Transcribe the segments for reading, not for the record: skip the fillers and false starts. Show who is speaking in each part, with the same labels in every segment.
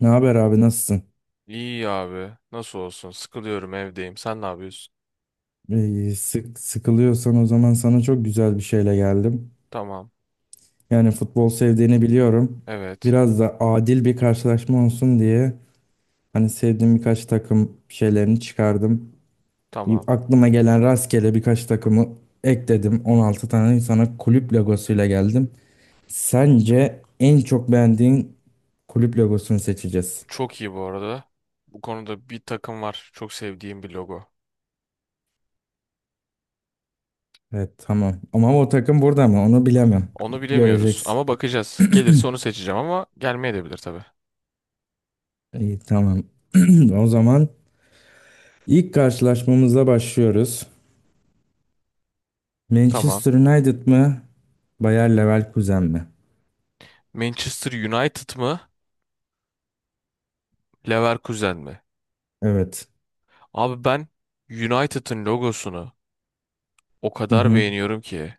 Speaker 1: Ne haber abi, nasılsın?
Speaker 2: İyi abi. Nasıl olsun? Sıkılıyorum, evdeyim. Sen ne yapıyorsun?
Speaker 1: İyi, sıkılıyorsan o zaman sana çok güzel bir şeyle geldim.
Speaker 2: Tamam.
Speaker 1: Yani futbol sevdiğini biliyorum.
Speaker 2: Evet.
Speaker 1: Biraz da adil bir karşılaşma olsun diye hani sevdiğim birkaç takım şeylerini çıkardım. Bir
Speaker 2: Tamam.
Speaker 1: aklıma gelen rastgele birkaç takımı ekledim. 16 tane sana kulüp logosuyla geldim. Sence en çok beğendiğin kulüp logosunu seçeceğiz.
Speaker 2: Çok iyi bu arada. Bu konuda bir takım var. Çok sevdiğim bir logo.
Speaker 1: Evet, tamam. Ama o takım burada mı? Onu bilemem.
Speaker 2: Onu bilemiyoruz
Speaker 1: Göreceksin.
Speaker 2: ama bakacağız. Gelirse onu seçeceğim ama gelmeyebilir tabii.
Speaker 1: İyi, tamam. O zaman İlk karşılaşmamıza başlıyoruz.
Speaker 2: Tamam.
Speaker 1: Manchester United mı? Bayer Leverkusen mi?
Speaker 2: Manchester United mı? Leverkusen mi?
Speaker 1: Evet.
Speaker 2: Abi ben United'ın logosunu o
Speaker 1: Hı
Speaker 2: kadar
Speaker 1: hı.
Speaker 2: beğeniyorum ki.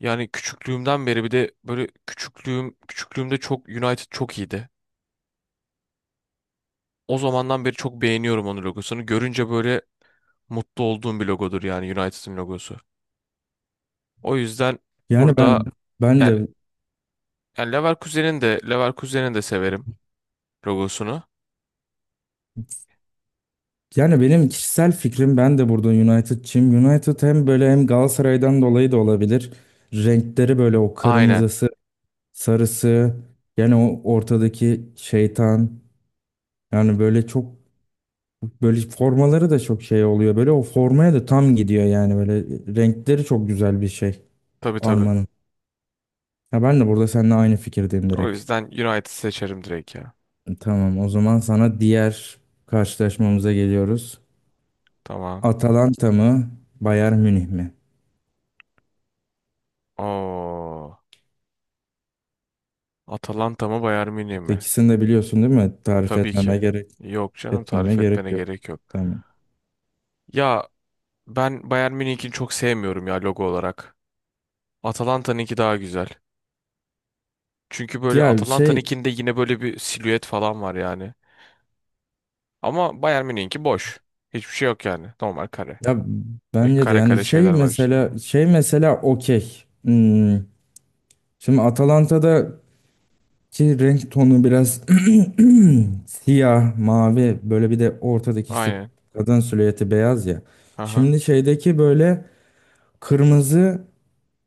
Speaker 2: Yani küçüklüğümden beri, bir de böyle küçüklüğümde çok United çok iyiydi. O zamandan beri çok beğeniyorum onun logosunu. Görünce böyle mutlu olduğum bir logodur yani, United'ın logosu. O yüzden
Speaker 1: Yani
Speaker 2: burada
Speaker 1: ben
Speaker 2: yani,
Speaker 1: de
Speaker 2: yani Leverkusen'in de severim logosunu.
Speaker 1: benim kişisel fikrim, ben de burada United'çıyım. United hem böyle hem Galatasaray'dan dolayı da olabilir. Renkleri böyle, o
Speaker 2: Aynen.
Speaker 1: kırmızısı, sarısı, yani o ortadaki şeytan. Yani böyle çok böyle formaları da çok şey oluyor. Böyle o formaya da tam gidiyor yani, böyle renkleri çok güzel bir şey.
Speaker 2: Tabii, tabii.
Speaker 1: Armanın. Ya ben de burada seninle aynı fikirdeyim
Speaker 2: O
Speaker 1: direkt.
Speaker 2: yüzden United seçerim direkt ya.
Speaker 1: Tamam, o zaman sana diğer karşılaşmamıza geliyoruz.
Speaker 2: Tamam.
Speaker 1: Atalanta mı, Bayern Münih mi?
Speaker 2: Oo. Atalanta mı, Bayern Münih mi?
Speaker 1: İkisini de biliyorsun değil mi? Tarif
Speaker 2: Tabii
Speaker 1: etmeme
Speaker 2: ki.
Speaker 1: gerek
Speaker 2: Yok canım,
Speaker 1: etmeme
Speaker 2: tarif
Speaker 1: gerek
Speaker 2: etmene
Speaker 1: yok.
Speaker 2: gerek yok.
Speaker 1: Tamam.
Speaker 2: Ya ben Bayern Münih'ini çok sevmiyorum ya, logo olarak. Atalanta'nınki daha güzel. Çünkü böyle
Speaker 1: Ya
Speaker 2: Atalanta'nınkinde yine böyle bir silüet falan var yani. Ama Bayern Münih'inki boş. Hiçbir şey yok yani. Normal kare.
Speaker 1: ya
Speaker 2: Ve
Speaker 1: bence de
Speaker 2: kare
Speaker 1: yani
Speaker 2: kare
Speaker 1: şey
Speaker 2: şeyler var içinde.
Speaker 1: mesela şey mesela okey. Hmm. Şimdi Atalanta'daki renk tonu biraz siyah, mavi, böyle bir de ortadaki işte
Speaker 2: Aynen.
Speaker 1: kadın silüeti beyaz ya.
Speaker 2: Aha.
Speaker 1: Şimdi şeydeki böyle kırmızı,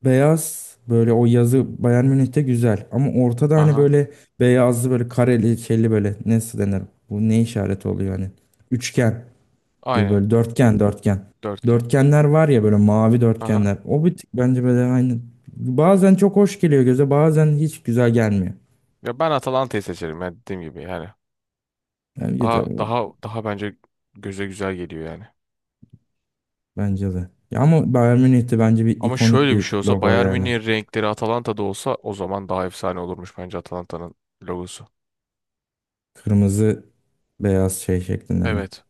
Speaker 1: beyaz, böyle o yazı Bayern Münih'te güzel. Ama ortada hani
Speaker 2: Aha.
Speaker 1: böyle beyazlı, böyle kareli, şeyli, böyle nasıl denir? Bu ne işareti oluyor hani? Üçgen gibi,
Speaker 2: Aynen.
Speaker 1: böyle dörtgen dörtgen.
Speaker 2: Dörtgen.
Speaker 1: Dörtgenler var ya, böyle mavi dörtgenler.
Speaker 2: Aha.
Speaker 1: O bir tık bence böyle aynı. Bazen çok hoş geliyor göze, bazen hiç güzel gelmiyor.
Speaker 2: Ya ben Atalanta'yı seçerim ya, dediğim gibi yani.
Speaker 1: Yani
Speaker 2: Daha daha daha bence göze güzel geliyor yani.
Speaker 1: bence de. Ya ama Bayern Münih'te bence bir
Speaker 2: Ama
Speaker 1: ikonik
Speaker 2: şöyle bir şey
Speaker 1: bir
Speaker 2: olsa,
Speaker 1: logo
Speaker 2: Bayern
Speaker 1: yani.
Speaker 2: Münih'in renkleri Atalanta'da olsa, o zaman daha efsane olurmuş bence Atalanta'nın logosu.
Speaker 1: Kırmızı beyaz şey şeklinde mi?
Speaker 2: Evet.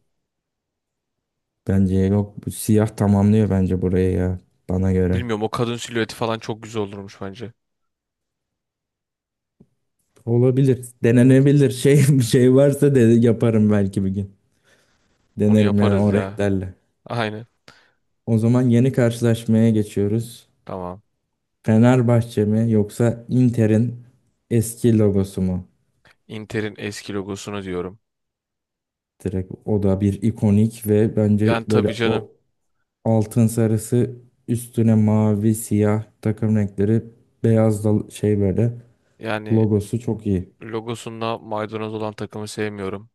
Speaker 1: Bence yok. Bu siyah tamamlıyor bence burayı ya. Bana göre.
Speaker 2: Bilmiyorum, o kadın silüeti falan çok güzel olurmuş bence.
Speaker 1: Olabilir. Denenebilir. Şey, bir şey varsa de yaparım belki bir gün.
Speaker 2: Onu
Speaker 1: Denerim yani
Speaker 2: yaparız
Speaker 1: o
Speaker 2: ya.
Speaker 1: renklerle.
Speaker 2: Aynen.
Speaker 1: O zaman yeni karşılaşmaya geçiyoruz.
Speaker 2: Tamam.
Speaker 1: Fenerbahçe mi yoksa Inter'in eski logosu mu?
Speaker 2: Inter'in eski logosunu diyorum.
Speaker 1: Direkt, o da bir ikonik ve bence
Speaker 2: Yani tabii
Speaker 1: böyle
Speaker 2: canım.
Speaker 1: o altın sarısı üstüne mavi, siyah takım renkleri, beyaz da şey böyle
Speaker 2: Yani
Speaker 1: logosu çok iyi.
Speaker 2: logosunda maydanoz olan takımı sevmiyorum.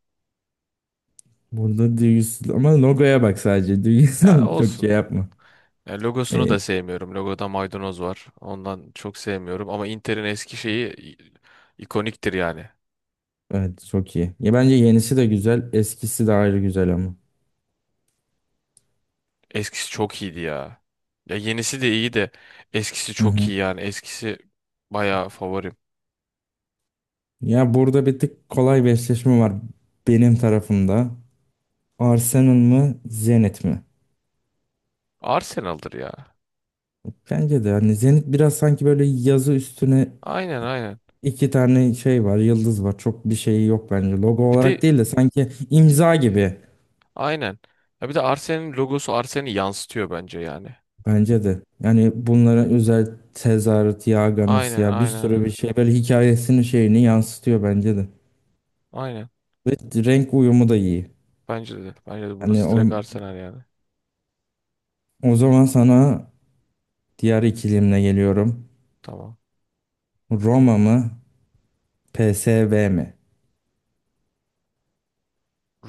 Speaker 1: Burada duygusuz ama, logoya bak sadece.
Speaker 2: Yani
Speaker 1: Duygusal çok şey
Speaker 2: olsun.
Speaker 1: yapma.
Speaker 2: Yani logosunu da
Speaker 1: İyi.
Speaker 2: sevmiyorum. Logoda maydanoz var. Ondan çok sevmiyorum. Ama Inter'in eski şeyi ikoniktir yani.
Speaker 1: Evet, çok iyi. Ya bence yenisi de güzel, eskisi de ayrı güzel ama.
Speaker 2: Eskisi çok iyiydi ya. Ya yenisi de iyi de eskisi
Speaker 1: Hı
Speaker 2: çok
Speaker 1: hı.
Speaker 2: iyi yani. Eskisi bayağı favorim.
Speaker 1: Ya burada bir tık kolay bir eşleşme var benim tarafımda. Arsenal mı, Zenit mi?
Speaker 2: Arsenal'dır ya.
Speaker 1: Bence de hani Zenit biraz sanki böyle yazı üstüne
Speaker 2: Aynen.
Speaker 1: iki tane şey var, yıldız var. Çok bir şeyi yok bence. Logo
Speaker 2: Bir de
Speaker 1: olarak değil de sanki imza gibi.
Speaker 2: aynen. Ya bir de Arsenal'in logosu Arsenal'i yansıtıyor bence yani.
Speaker 1: Bence de. Yani bunlara özel tezahürat, yağ garnısı
Speaker 2: Aynen
Speaker 1: ya, bir sürü
Speaker 2: aynen.
Speaker 1: bir şey, böyle hikayesini şeyini yansıtıyor bence de.
Speaker 2: Aynen.
Speaker 1: Ve renk uyumu da iyi.
Speaker 2: Bence de. Bence de
Speaker 1: Yani
Speaker 2: burası
Speaker 1: o,
Speaker 2: direkt Arsenal yani.
Speaker 1: o zaman sana diğer ikilimle geliyorum.
Speaker 2: Tamam.
Speaker 1: Roma mı? PSV mi?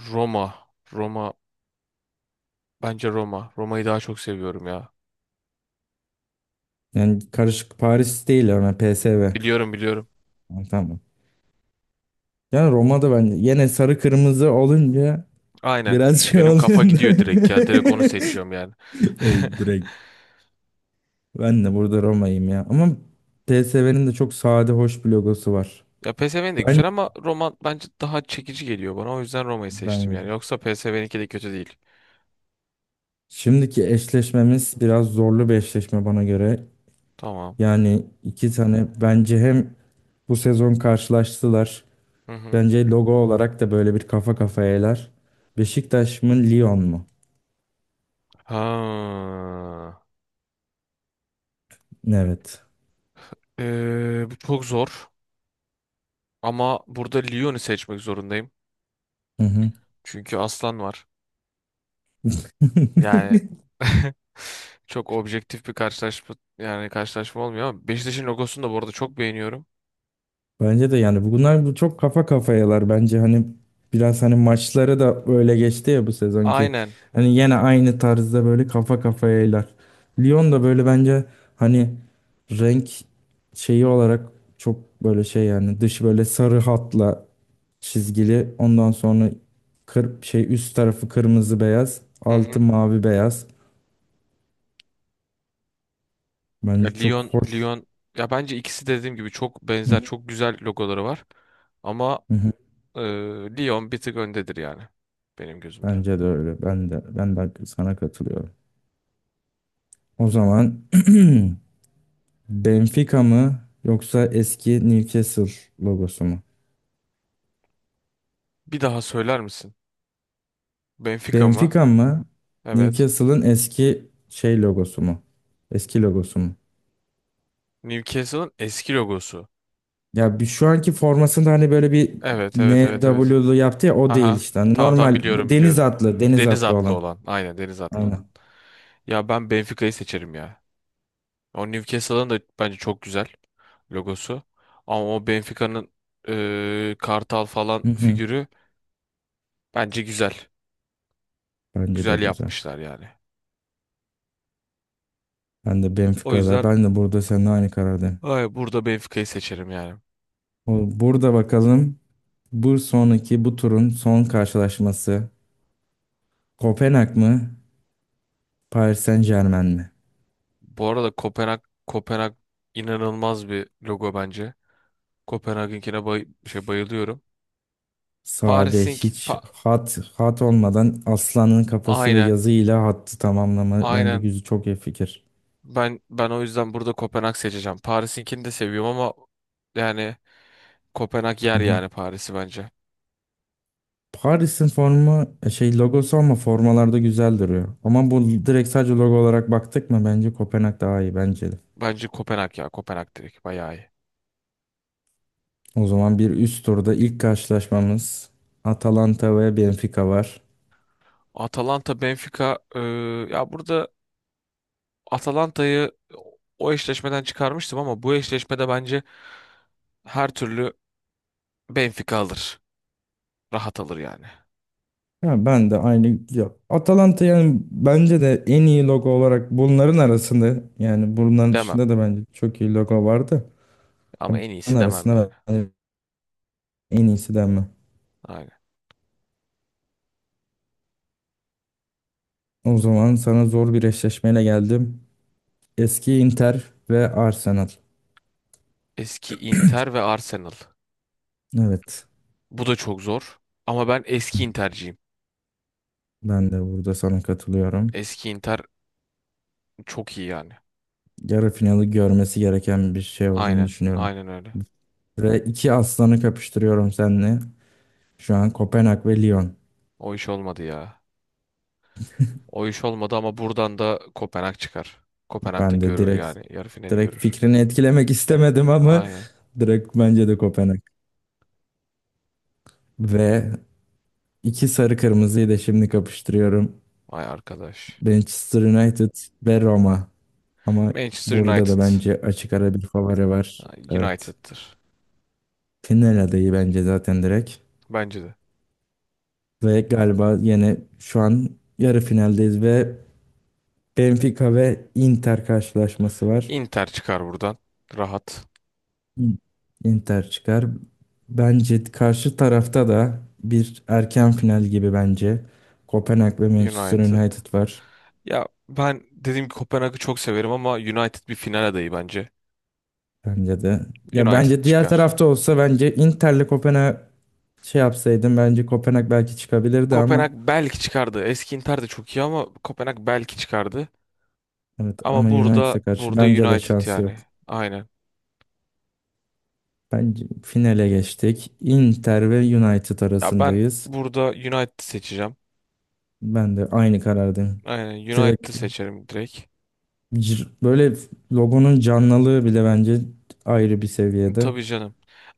Speaker 2: Roma. Roma. Bence Roma. Roma'yı daha çok seviyorum ya.
Speaker 1: Yani karışık Paris değil ama PSV.
Speaker 2: Biliyorum, biliyorum.
Speaker 1: Ha, tamam. Yani Roma'da bence yine sarı kırmızı olunca
Speaker 2: Aynen.
Speaker 1: biraz şey
Speaker 2: Benim
Speaker 1: oluyor,
Speaker 2: kafa gidiyor
Speaker 1: değil
Speaker 2: direkt ya. Direkt onu
Speaker 1: mi?
Speaker 2: seçiyorum yani.
Speaker 1: Evet, direkt ben de burada Roma'yım ya. Ama PSV'nin de çok sade, hoş bir logosu var.
Speaker 2: Ya PSV'nin de
Speaker 1: Ben
Speaker 2: güzel ama Roma bence daha çekici geliyor bana. O yüzden Roma'yı
Speaker 1: ben
Speaker 2: seçtim yani.
Speaker 1: yedim.
Speaker 2: Yoksa PSV'ninki de kötü değil.
Speaker 1: Şimdiki eşleşmemiz biraz zorlu bir eşleşme bana göre.
Speaker 2: Tamam.
Speaker 1: Yani iki tane, bence hem bu sezon karşılaştılar.
Speaker 2: Hı hı.
Speaker 1: Bence logo olarak da böyle bir kafa kafayalar. Beşiktaş mı, Lyon mu?
Speaker 2: Ha.
Speaker 1: Evet.
Speaker 2: Bu çok zor. Ama burada Lyon'u seçmek zorundayım.
Speaker 1: Hı hı.
Speaker 2: Çünkü aslan var. Yani çok objektif bir karşılaşma, yani karşılaşma olmuyor, ama Beşiktaş'ın logosunu da bu arada çok beğeniyorum.
Speaker 1: Bence de yani bunlar bu çok kafa kafayalar bence, hani biraz hani maçları da böyle geçti ya bu sezonki.
Speaker 2: Aynen.
Speaker 1: Hani yine aynı tarzda böyle kafa kafayalar. Lyon da böyle bence hani renk şeyi olarak çok böyle şey yani, dış böyle sarı hatla çizgili, ondan sonra kır, şey, üst tarafı kırmızı beyaz,
Speaker 2: Hı
Speaker 1: altı
Speaker 2: hı.
Speaker 1: mavi beyaz.
Speaker 2: Ya
Speaker 1: Bence çok
Speaker 2: Lyon
Speaker 1: hoş.
Speaker 2: Lyon ya bence ikisi de, dediğim gibi, çok
Speaker 1: Hı
Speaker 2: benzer,
Speaker 1: hı.
Speaker 2: çok güzel logoları var. Ama
Speaker 1: Hı hı.
Speaker 2: e, Lyon bir tık öndedir yani benim gözümde.
Speaker 1: Bence de öyle. Ben de sana katılıyorum. O zaman Benfica mı yoksa eski Newcastle logosu mu?
Speaker 2: Bir daha söyler misin? Benfica mı?
Speaker 1: Benfica mı?
Speaker 2: Evet.
Speaker 1: Newcastle'ın eski şey logosu mu? Eski logosu mu?
Speaker 2: Newcastle'ın eski logosu.
Speaker 1: Ya, bir şu anki formasında hani böyle bir
Speaker 2: Evet, evet, evet, evet.
Speaker 1: NW'lu yaptı ya, o değil
Speaker 2: Aha.
Speaker 1: işte. Hani
Speaker 2: Tamam, tamam,
Speaker 1: normal bu
Speaker 2: biliyorum,
Speaker 1: deniz
Speaker 2: biliyorum.
Speaker 1: atlı, deniz
Speaker 2: Deniz
Speaker 1: atlı
Speaker 2: atlı
Speaker 1: olan.
Speaker 2: olan. Aynen, deniz atlı olan.
Speaker 1: Aynen.
Speaker 2: Ya ben Benfica'yı seçerim ya. O Newcastle'ın da bence çok güzel logosu. Ama o Benfica'nın kartal falan
Speaker 1: Hı hı.
Speaker 2: figürü bence güzel.
Speaker 1: Bence de
Speaker 2: Güzel
Speaker 1: güzel.
Speaker 2: yapmışlar yani.
Speaker 1: Ben de
Speaker 2: O
Speaker 1: Benfica'da.
Speaker 2: yüzden
Speaker 1: Ben de burada seninle aynı karardayım.
Speaker 2: ay, burada Benfica'yı seçerim yani.
Speaker 1: O- burada bakalım. Bu turun son karşılaşması, Kopenhag mı? Paris Saint-Germain mi?
Speaker 2: Bu arada Kopenhag inanılmaz bir logo bence. Kopenhag'ınkine bayılıyorum.
Speaker 1: Sade,
Speaker 2: Paris'ink
Speaker 1: hiç
Speaker 2: pa-
Speaker 1: hat olmadan, aslanın kafası ve
Speaker 2: aynen,
Speaker 1: yazıyla hattı tamamlama bence
Speaker 2: aynen
Speaker 1: güzel, çok iyi fikir.
Speaker 2: ben o yüzden burada Kopenhag seçeceğim. Paris'inkini de seviyorum ama yani Kopenhag
Speaker 1: Hı
Speaker 2: yer
Speaker 1: hı.
Speaker 2: yani Paris'i bence.
Speaker 1: Paris'in formu e, şey logosu ama formalarda güzel duruyor. Ama bu direkt sadece logo olarak baktık mı bence Kopenhag daha iyi, bence de.
Speaker 2: Bence Kopenhag ya. Kopenhag direkt bayağı iyi.
Speaker 1: O zaman bir üst turda ilk karşılaşmamız, Atalanta ve Benfica var.
Speaker 2: Atalanta Benfica, ya burada Atalanta'yı o eşleşmeden çıkarmıştım ama bu eşleşmede bence her türlü Benfica alır. Rahat alır yani.
Speaker 1: Ya ben de aynı ya, Atalanta yani bence de en iyi logo olarak bunların arasında, yani bunların
Speaker 2: Demem,
Speaker 1: dışında da bence çok iyi logo vardı.
Speaker 2: ama en
Speaker 1: Ben
Speaker 2: iyisi demem yani.
Speaker 1: arasında bence en iyisi denme.
Speaker 2: Aynen.
Speaker 1: O zaman sana zor bir eşleşmeyle geldim. Eski Inter ve Arsenal.
Speaker 2: Eski Inter ve Arsenal.
Speaker 1: Evet,
Speaker 2: Bu da çok zor ama ben eski Inter'ciyim.
Speaker 1: ben de burada sana katılıyorum.
Speaker 2: Eski Inter çok iyi yani.
Speaker 1: Yarı finali görmesi gereken bir şey olduğunu
Speaker 2: Aynen.
Speaker 1: düşünüyorum.
Speaker 2: Aynen öyle.
Speaker 1: Ve iki aslanı kapıştırıyorum seninle. Şu an Kopenhag ve Lyon.
Speaker 2: O iş olmadı ya. O iş olmadı ama buradan da Kopenhag çıkar. Kopenhag'da
Speaker 1: Ben de
Speaker 2: görür
Speaker 1: direkt,
Speaker 2: yani. Yarı finali görür.
Speaker 1: fikrini etkilemek istemedim ama
Speaker 2: Aynen.
Speaker 1: direkt bence de Kopenhag. Ve iki sarı kırmızıyı da şimdi kapıştırıyorum.
Speaker 2: Ay arkadaş.
Speaker 1: Manchester United ve Roma. Ama
Speaker 2: Manchester
Speaker 1: burada
Speaker 2: United.
Speaker 1: da bence açık ara bir favori var.
Speaker 2: Ha,
Speaker 1: Evet.
Speaker 2: United'tır.
Speaker 1: Final adayı bence zaten direkt.
Speaker 2: Bence de.
Speaker 1: Ve galiba yine şu an yarı finaldeyiz ve Benfica ve Inter karşılaşması var.
Speaker 2: Inter çıkar buradan. Rahat.
Speaker 1: İn- Inter çıkar. Bence karşı tarafta da bir erken final gibi bence. Kopenhag ve Manchester
Speaker 2: United.
Speaker 1: United var.
Speaker 2: Ya ben dediğim gibi Kopenhag'ı çok severim ama United bir final adayı bence.
Speaker 1: Bence de. Ya
Speaker 2: United
Speaker 1: bence diğer
Speaker 2: çıkar.
Speaker 1: tarafta olsa bence Inter'le Kopenhag şey yapsaydım bence Kopenhag belki çıkabilirdi ama
Speaker 2: Kopenhag belki çıkardı. Eski Inter de çok iyi ama Kopenhag belki çıkardı.
Speaker 1: evet,
Speaker 2: Ama
Speaker 1: ama
Speaker 2: burada
Speaker 1: United'a karşı
Speaker 2: burada
Speaker 1: bence de
Speaker 2: United
Speaker 1: şansı yok.
Speaker 2: yani. Aynen.
Speaker 1: Bence finale geçtik. Inter ve United
Speaker 2: Ya ben
Speaker 1: arasındayız.
Speaker 2: burada United seçeceğim.
Speaker 1: Ben de aynı karardayım.
Speaker 2: Aynen, United'ı
Speaker 1: Direkt
Speaker 2: seçerim direkt.
Speaker 1: böyle logonun canlılığı bile bence ayrı bir seviyede.
Speaker 2: Tabii canım.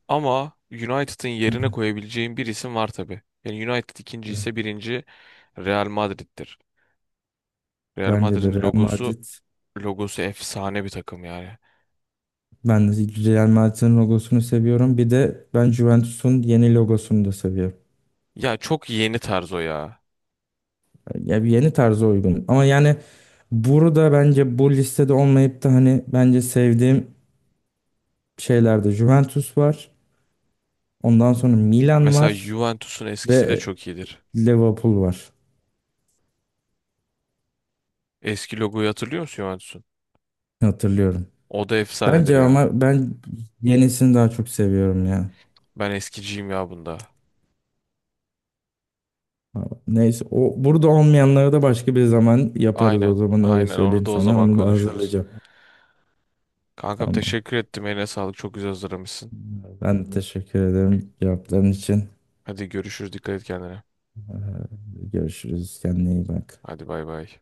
Speaker 2: Ama United'ın yerine koyabileceğim bir isim var tabii. Yani United ikinci
Speaker 1: Evet,
Speaker 2: ise birinci Real Madrid'dir. Real
Speaker 1: bence de
Speaker 2: Madrid'in
Speaker 1: Real
Speaker 2: logosu
Speaker 1: Madrid.
Speaker 2: logosu efsane bir takım yani.
Speaker 1: Ben de Real Madrid'in logosunu seviyorum. Bir de ben Juventus'un yeni logosunu da seviyorum.
Speaker 2: Ya çok yeni tarz o ya.
Speaker 1: Ya, bir yeni tarza uygun. Ama yani burada bence bu listede olmayıp da hani bence sevdiğim şeylerde Juventus var. Ondan sonra Milan
Speaker 2: Mesela
Speaker 1: var
Speaker 2: Juventus'un eskisi de
Speaker 1: ve
Speaker 2: çok iyidir.
Speaker 1: Liverpool var.
Speaker 2: Eski logoyu hatırlıyor musun Juventus'un?
Speaker 1: Hatırlıyorum.
Speaker 2: O da efsanedir
Speaker 1: Bence
Speaker 2: ya.
Speaker 1: ama ben yenisini daha çok seviyorum ya.
Speaker 2: Ben eskiciyim ya bunda.
Speaker 1: Neyse, o burada olmayanları da başka bir zaman yaparız, o
Speaker 2: Aynen.
Speaker 1: zaman öyle
Speaker 2: Aynen, onu
Speaker 1: söyleyeyim
Speaker 2: da o
Speaker 1: sana.
Speaker 2: zaman
Speaker 1: Onu da
Speaker 2: konuşuruz.
Speaker 1: hazırlayacağım.
Speaker 2: Kankam,
Speaker 1: Tamam.
Speaker 2: teşekkür ettim. Eline sağlık. Çok güzel hazırlamışsın.
Speaker 1: Ben de teşekkür ederim cevapların için.
Speaker 2: Hadi görüşürüz. Dikkat et kendine.
Speaker 1: Görüşürüz. Kendine iyi bak.
Speaker 2: Hadi, bay bay.